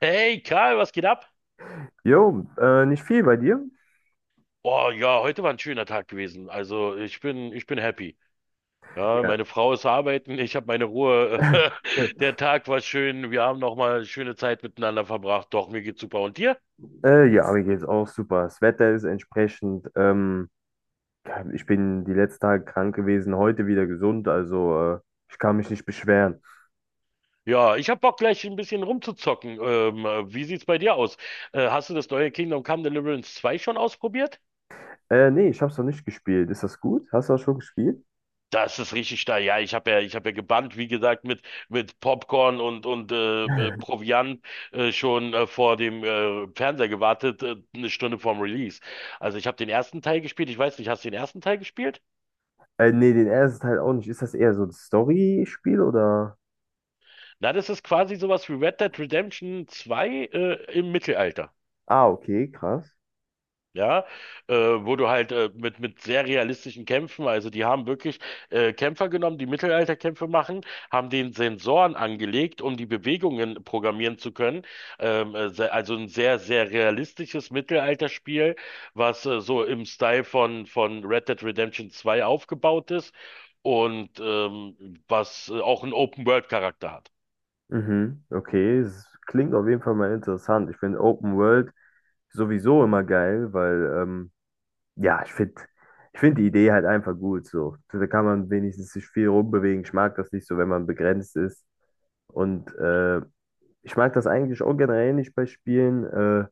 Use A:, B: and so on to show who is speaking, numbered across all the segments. A: Hey Karl, was geht ab?
B: Jo, nicht viel bei dir?
A: Oh ja, heute war ein schöner Tag gewesen. Also ich bin happy. Ja,
B: Ja.
A: meine Frau ist arbeiten, ich habe meine Ruhe. Der Tag war schön, wir haben nochmal schöne Zeit miteinander verbracht. Doch, mir geht's super. Und dir?
B: Ja, mir geht's auch super. Das Wetter ist entsprechend. Ja, ich bin die letzten Tage krank gewesen, heute wieder gesund, also ich kann mich nicht beschweren.
A: Ja, ich hab Bock gleich ein bisschen rumzuzocken. Wie sieht's bei dir aus? Hast du das neue Kingdom Come Deliverance 2 schon ausprobiert?
B: Nee, ich hab's noch nicht gespielt. Ist das gut? Hast du das schon gespielt?
A: Das ist richtig steil. Ja, ich habe ja gebannt, wie gesagt, mit Popcorn und Proviant schon vor dem Fernseher gewartet, 1 Stunde vorm Release. Also ich habe den ersten Teil gespielt. Ich weiß nicht, hast du den ersten Teil gespielt?
B: Nee, den ersten Teil auch nicht. Ist das eher so ein Story-Spiel oder?
A: Na, das ist quasi sowas wie Red Dead Redemption zwei im Mittelalter.
B: Ah, okay, krass.
A: Ja, wo du halt mit sehr realistischen Kämpfen, also die haben wirklich Kämpfer genommen, die Mittelalterkämpfe machen, haben den Sensoren angelegt, um die Bewegungen programmieren zu können. Also ein sehr, sehr realistisches Mittelalterspiel, was so im Style von Red Dead Redemption zwei aufgebaut ist und was auch einen Open-World-Charakter hat.
B: Mhm, okay, es klingt auf jeden Fall mal interessant. Ich finde Open World sowieso immer geil, weil, ja, ich find die Idee halt einfach gut so. So, da kann man wenigstens sich viel rumbewegen. Ich mag das nicht so, wenn man begrenzt ist. Und ich mag das eigentlich auch generell nicht bei Spielen,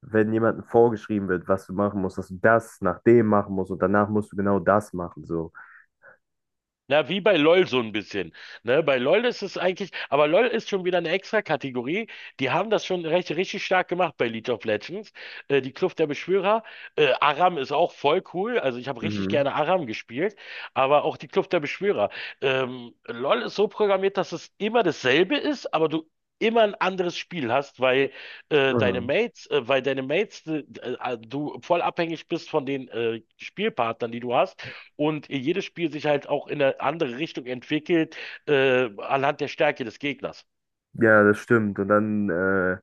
B: wenn jemandem vorgeschrieben wird, was du machen musst, dass du das nach dem machen musst und danach musst du genau das machen so.
A: Na, wie bei LOL so ein bisschen. Ne, bei LOL ist es eigentlich, aber LOL ist schon wieder eine extra Kategorie. Die haben das schon richtig stark gemacht bei League of Legends. Die Kluft der Beschwörer. Aram ist auch voll cool. Also ich habe richtig
B: Mhm.
A: gerne Aram gespielt, aber auch die Kluft der Beschwörer. LOL ist so programmiert, dass es immer dasselbe ist, aber du immer ein anderes Spiel hast, weil
B: Mhm.
A: Weil deine Mates, du voll abhängig bist von den Spielpartnern, die du hast und jedes Spiel sich halt auch in eine andere Richtung entwickelt, anhand der Stärke des Gegners.
B: Ja, das stimmt. Und dann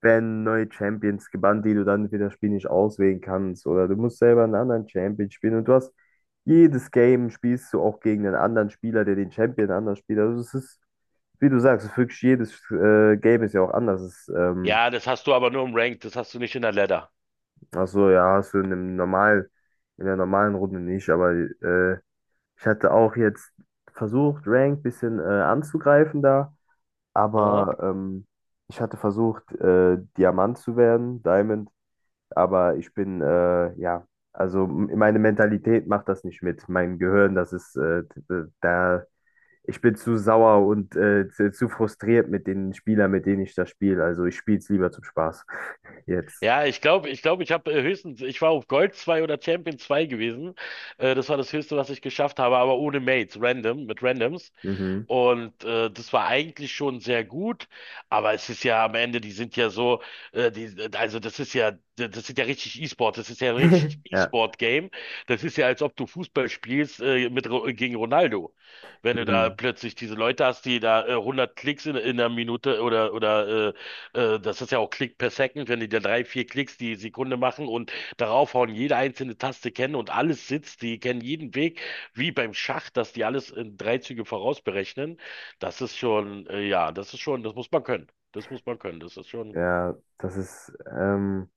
B: werden neue Champions gebannt, die du dann für das Spiel nicht auswählen kannst. Oder du musst selber einen anderen Champion spielen. Und du hast Jedes Game spielst du auch gegen einen anderen Spieler, der den Champion anders spielt. Also es ist, wie du sagst, es ist wirklich jedes Game ist ja auch anders.
A: Ja, das hast du aber nur im Ranked, das hast du nicht in der Ladder.
B: Also ja, hast du in einem in der normalen Runde nicht, aber ich hatte auch jetzt versucht, Rank ein bisschen anzugreifen da,
A: Ja,
B: aber ich hatte versucht, Diamant zu werden, Diamond. Aber ja, also meine Mentalität macht das nicht mit. Mein Gehirn, das ist, da, ich bin zu sauer und zu frustriert mit den Spielern, mit denen ich das spiele. Also ich spiele es lieber zum Spaß. Jetzt.
A: ja, ich glaube, ich habe höchstens, ich war auf Gold 2 oder Champion 2 gewesen. Das war das Höchste, was ich geschafft habe, aber ohne Mates, random, mit Randoms.
B: Mhm.
A: Und das war eigentlich schon sehr gut, aber es ist ja am Ende, die sind ja so, also das ist ja richtig E-Sport, das ist ja ein richtig
B: Ja.
A: E-Sport-Game. Das ist ja, als ob du Fußball spielst gegen Ronaldo. Wenn du da
B: Mhm.
A: plötzlich diese Leute hast, die da 100 Klicks in einer Minute oder das ist ja auch Klick per Second, wenn die da drei, vier Klicks die Sekunde machen und darauf hauen, jede einzelne Taste kennen und alles sitzt, die kennen jeden Weg wie beim Schach, dass die alles in drei Züge vorausberechnen. Das ist schon, ja, das ist schon, das muss man können. Das muss man können.
B: Ja, das ist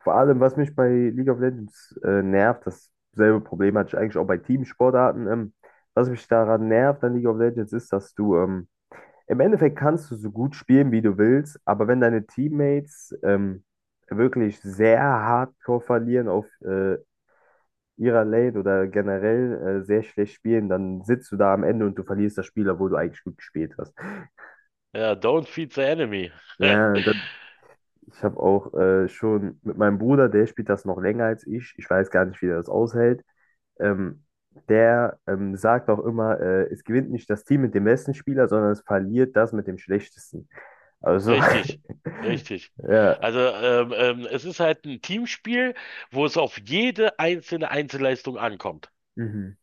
B: vor allem, was mich bei League of Legends nervt, dasselbe Problem hatte ich eigentlich auch bei Teamsportarten. Was mich daran nervt an League of Legends ist, dass du, im Endeffekt, kannst du so gut spielen, wie du willst, aber wenn deine Teammates wirklich sehr hardcore verlieren auf ihrer Lane oder generell sehr schlecht spielen, dann sitzt du da am Ende und du verlierst das Spiel, obwohl du eigentlich gut gespielt hast.
A: Ja, don't feed the enemy.
B: Ja, ich habe auch schon mit meinem Bruder, der spielt das noch länger als ich. Ich weiß gar nicht, wie der das aushält. Ähm, Der sagt auch immer, es gewinnt nicht das Team mit dem besten Spieler, sondern es verliert das mit dem schlechtesten. Also,
A: Richtig, richtig.
B: ja.
A: Also es ist halt ein Teamspiel, wo es auf jede einzelne Einzelleistung ankommt.
B: Mhm.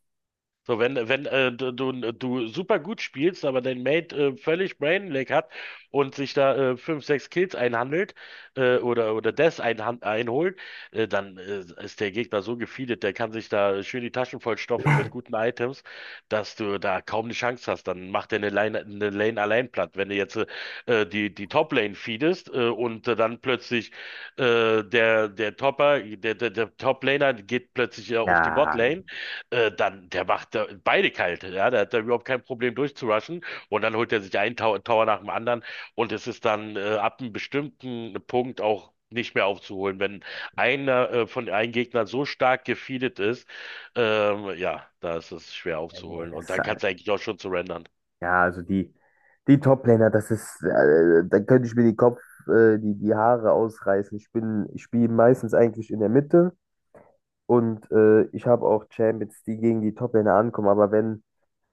A: So, wenn du super gut spielst, aber dein Mate völlig Brainlag hat und sich da fünf, sechs Kills einhandelt oder Deaths einholt, dann ist der Gegner so gefeedet, der kann sich da schön die Taschen vollstopfen mit guten Items, dass du da kaum eine Chance hast. Dann macht er eine Lane allein platt. Wenn du jetzt die Top-Lane feedest und dann plötzlich der, der Topper, der, der, der Top-Laner geht plötzlich auf die
B: Ja,
A: Bot-Lane dann, der macht da beide kalt, ja, der hat da überhaupt kein Problem durchzurushen und dann holt er sich einen Tower, Tower nach dem anderen, und es ist dann ab einem bestimmten Punkt auch nicht mehr aufzuholen, wenn einer von einem Gegner so stark gefeedet ist. Ja, da ist es schwer
B: nee, nee,
A: aufzuholen
B: das
A: und
B: ist
A: dann kannst
B: halt,
A: du eigentlich auch schon surrendern.
B: ja, also die Top-Laner, da könnte ich mir die Haare ausreißen. Ich spiele meistens eigentlich in der Mitte und ich habe auch Champions, die gegen die Top-Laner ankommen, aber wenn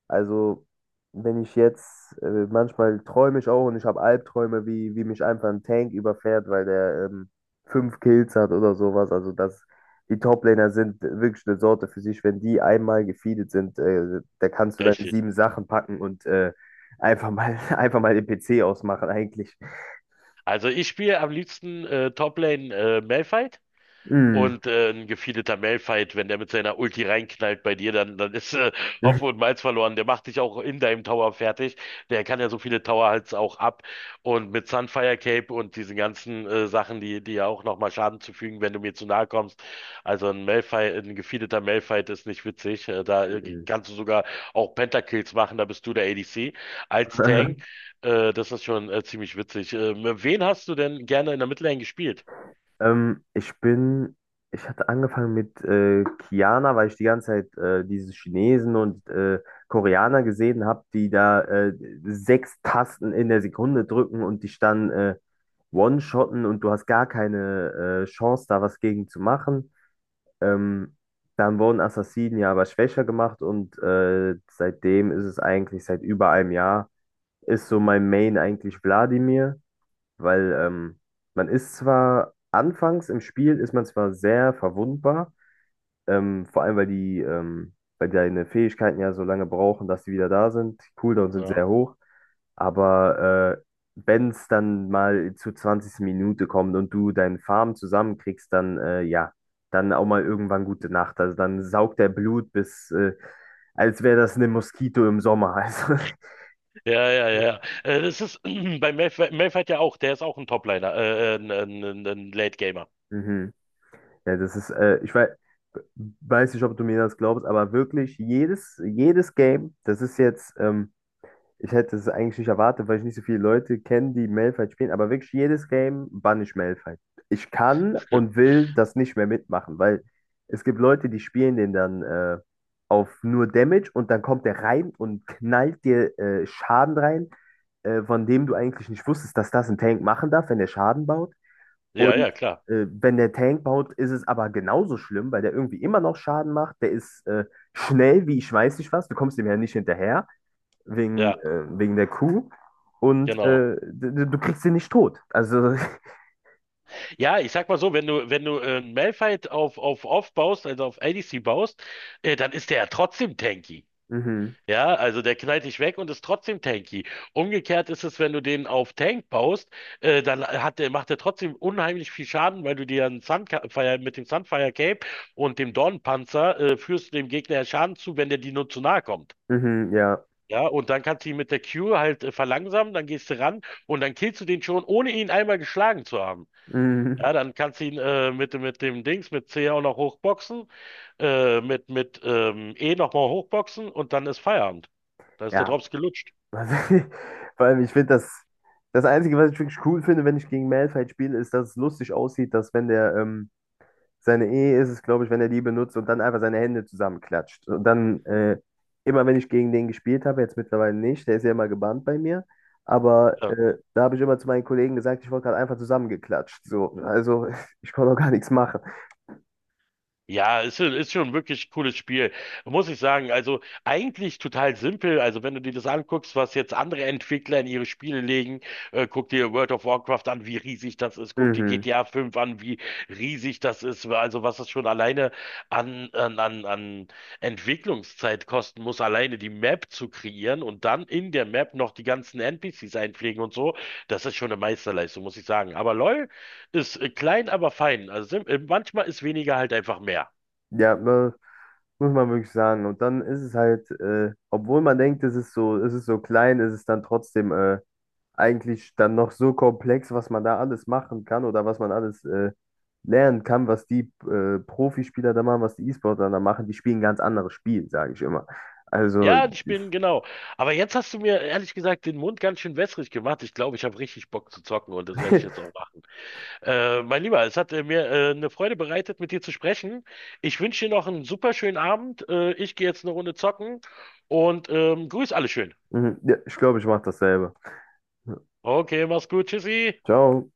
B: also, wenn ich jetzt, manchmal träume ich auch und ich habe Albträume, wie mich einfach ein Tank überfährt, weil der, fünf Kills hat oder sowas. Also, die Toplaner sind wirklich eine Sorte für sich. Wenn die einmal gefeedet sind, da kannst du deine
A: Richtig.
B: sieben Sachen packen und einfach mal, einfach mal den PC ausmachen, eigentlich.
A: Also ich spiele am liebsten Toplane Malphite.
B: Mm.
A: Und ein gefeedeter Malphite, wenn der mit seiner Ulti reinknallt bei dir, dann ist Hopfen und Malz verloren. Der macht dich auch in deinem Tower fertig. Der kann ja so viele Tower halt auch ab. Und mit Sunfire Cape und diesen ganzen Sachen, die ja auch nochmal Schaden zufügen, wenn du mir zu nahe kommst. Also ein Malphite, ein gefeedeter Malphite ist nicht witzig. Da kannst du sogar auch Pentakills machen, da bist du der ADC als Tank. Das ist schon ziemlich witzig. Wen hast du denn gerne in der Midlane gespielt?
B: Ähm, ich bin, Ich hatte angefangen mit Kiana, weil ich die ganze Zeit diese Chinesen und Koreaner gesehen habe, die da sechs Tasten in der Sekunde drücken und dich dann one-shotten und du hast gar keine Chance, da was gegen zu machen. Ähm, Dann wurden Assassinen ja aber schwächer gemacht und seitdem ist es eigentlich seit über einem Jahr, ist so mein Main eigentlich Wladimir, weil man ist zwar anfangs im Spiel, ist man zwar sehr verwundbar, vor allem weil deine Fähigkeiten ja so lange brauchen, dass sie wieder da sind. Die Cooldowns sind
A: Ja.
B: sehr hoch, aber wenn es dann mal zur 20. Minute kommt und du deinen Farm zusammenkriegst, dann ja, dann auch mal irgendwann gute Nacht. Also dann saugt der Blut, als wäre das eine Moskito im Sommer. Also,
A: Ja, ja, ja. Das ist bei Mayfight ja auch, der ist auch ein Topliner, ein ein Late Gamer.
B: mhm. Ja, das ist, weiß nicht, ob du mir das glaubst, aber wirklich jedes Game, ich hätte es eigentlich nicht erwartet, weil ich nicht so viele Leute kenne, die Malphite spielen, aber wirklich jedes Game banne ich Malphite. Ich kann und will das nicht mehr mitmachen, weil es gibt Leute, die spielen den dann auf nur Damage und dann kommt der rein und knallt dir Schaden rein, von dem du eigentlich nicht wusstest, dass das ein Tank machen darf, wenn der Schaden baut.
A: Ja,
B: Und
A: ja, klar.
B: wenn der Tank baut, ist es aber genauso schlimm, weil der irgendwie immer noch Schaden macht. Der ist schnell wie ich weiß nicht was. Du kommst dem ja nicht hinterher, wegen,
A: Ja,
B: äh, wegen der Kuh.
A: genau.
B: Du kriegst ihn nicht tot. Also,
A: Ja, ich sag mal so, wenn du Malphite auf Off baust, also auf ADC baust, dann ist der ja trotzdem tanky.
B: mhm,
A: Ja, also der knallt dich weg und ist trotzdem tanky. Umgekehrt ist es, wenn du den auf Tank baust, dann hat der, macht er trotzdem unheimlich viel Schaden, weil du dir einen Sunfire, mit dem Sunfire Cape und dem Dornenpanzer führst du dem Gegner ja Schaden zu, wenn der dir nur zu nahe kommt.
B: mhm, ja.
A: Ja, und dann kannst du ihn mit der Q halt verlangsamen, dann gehst du ran und dann killst du den schon, ohne ihn einmal geschlagen zu haben.
B: Mhm,
A: Ja, dann kannst du ihn mit dem Dings, mit C auch noch hochboxen, mit E nochmal hochboxen und dann ist Feierabend. Da ist der
B: ja.
A: Drops gelutscht.
B: Also, vor allem, ich finde das. Das Einzige, was ich wirklich cool finde, wenn ich gegen Malphite spiele, ist, dass es lustig aussieht, dass wenn seine Ehe ist es, glaube ich, wenn er die benutzt und dann einfach seine Hände zusammenklatscht. Und dann, immer wenn ich gegen den gespielt habe, jetzt mittlerweile nicht, der ist ja immer gebannt bei mir, aber
A: Ja.
B: da habe ich immer zu meinen Kollegen gesagt, ich wurde gerade einfach zusammengeklatscht. So, also ich konnte auch gar nichts machen.
A: Ist schon wirklich cooles Spiel, muss ich sagen. Also eigentlich total simpel. Also wenn du dir das anguckst, was jetzt andere Entwickler in ihre Spiele legen, guck dir World of Warcraft an, wie riesig das ist. Guck dir
B: Mhm.
A: GTA 5 an, wie riesig das ist. Also was das schon alleine an Entwicklungszeit kosten muss, alleine die Map zu kreieren und dann in der Map noch die ganzen NPCs einpflegen und so. Das ist schon eine Meisterleistung, muss ich sagen. Aber LoL ist klein, aber fein. Manchmal ist weniger halt einfach mehr.
B: Ja, muss man wirklich sagen. Und dann ist es halt, obwohl man denkt, es ist so klein, ist es dann trotzdem eigentlich dann noch so komplex, was man da alles machen kann oder was man alles lernen kann, was die Profispieler da machen, was die E-Sportler da machen. Die spielen ein ganz anderes Spiel, sage ich immer. Also,
A: Ja, die spielen genau. Aber jetzt hast du mir ehrlich gesagt den Mund ganz schön wässrig gemacht. Ich glaube, ich habe richtig Bock zu zocken und das werde ich jetzt auch machen. Mein Lieber, es hat mir eine Freude bereitet, mit dir zu sprechen. Ich wünsche dir noch einen super schönen Abend. Ich gehe jetzt eine Runde zocken und grüß alle schön.
B: mhm, ja, ich glaube, ich mache dasselbe. Ja.
A: Okay, mach's gut. Tschüssi.
B: Ciao.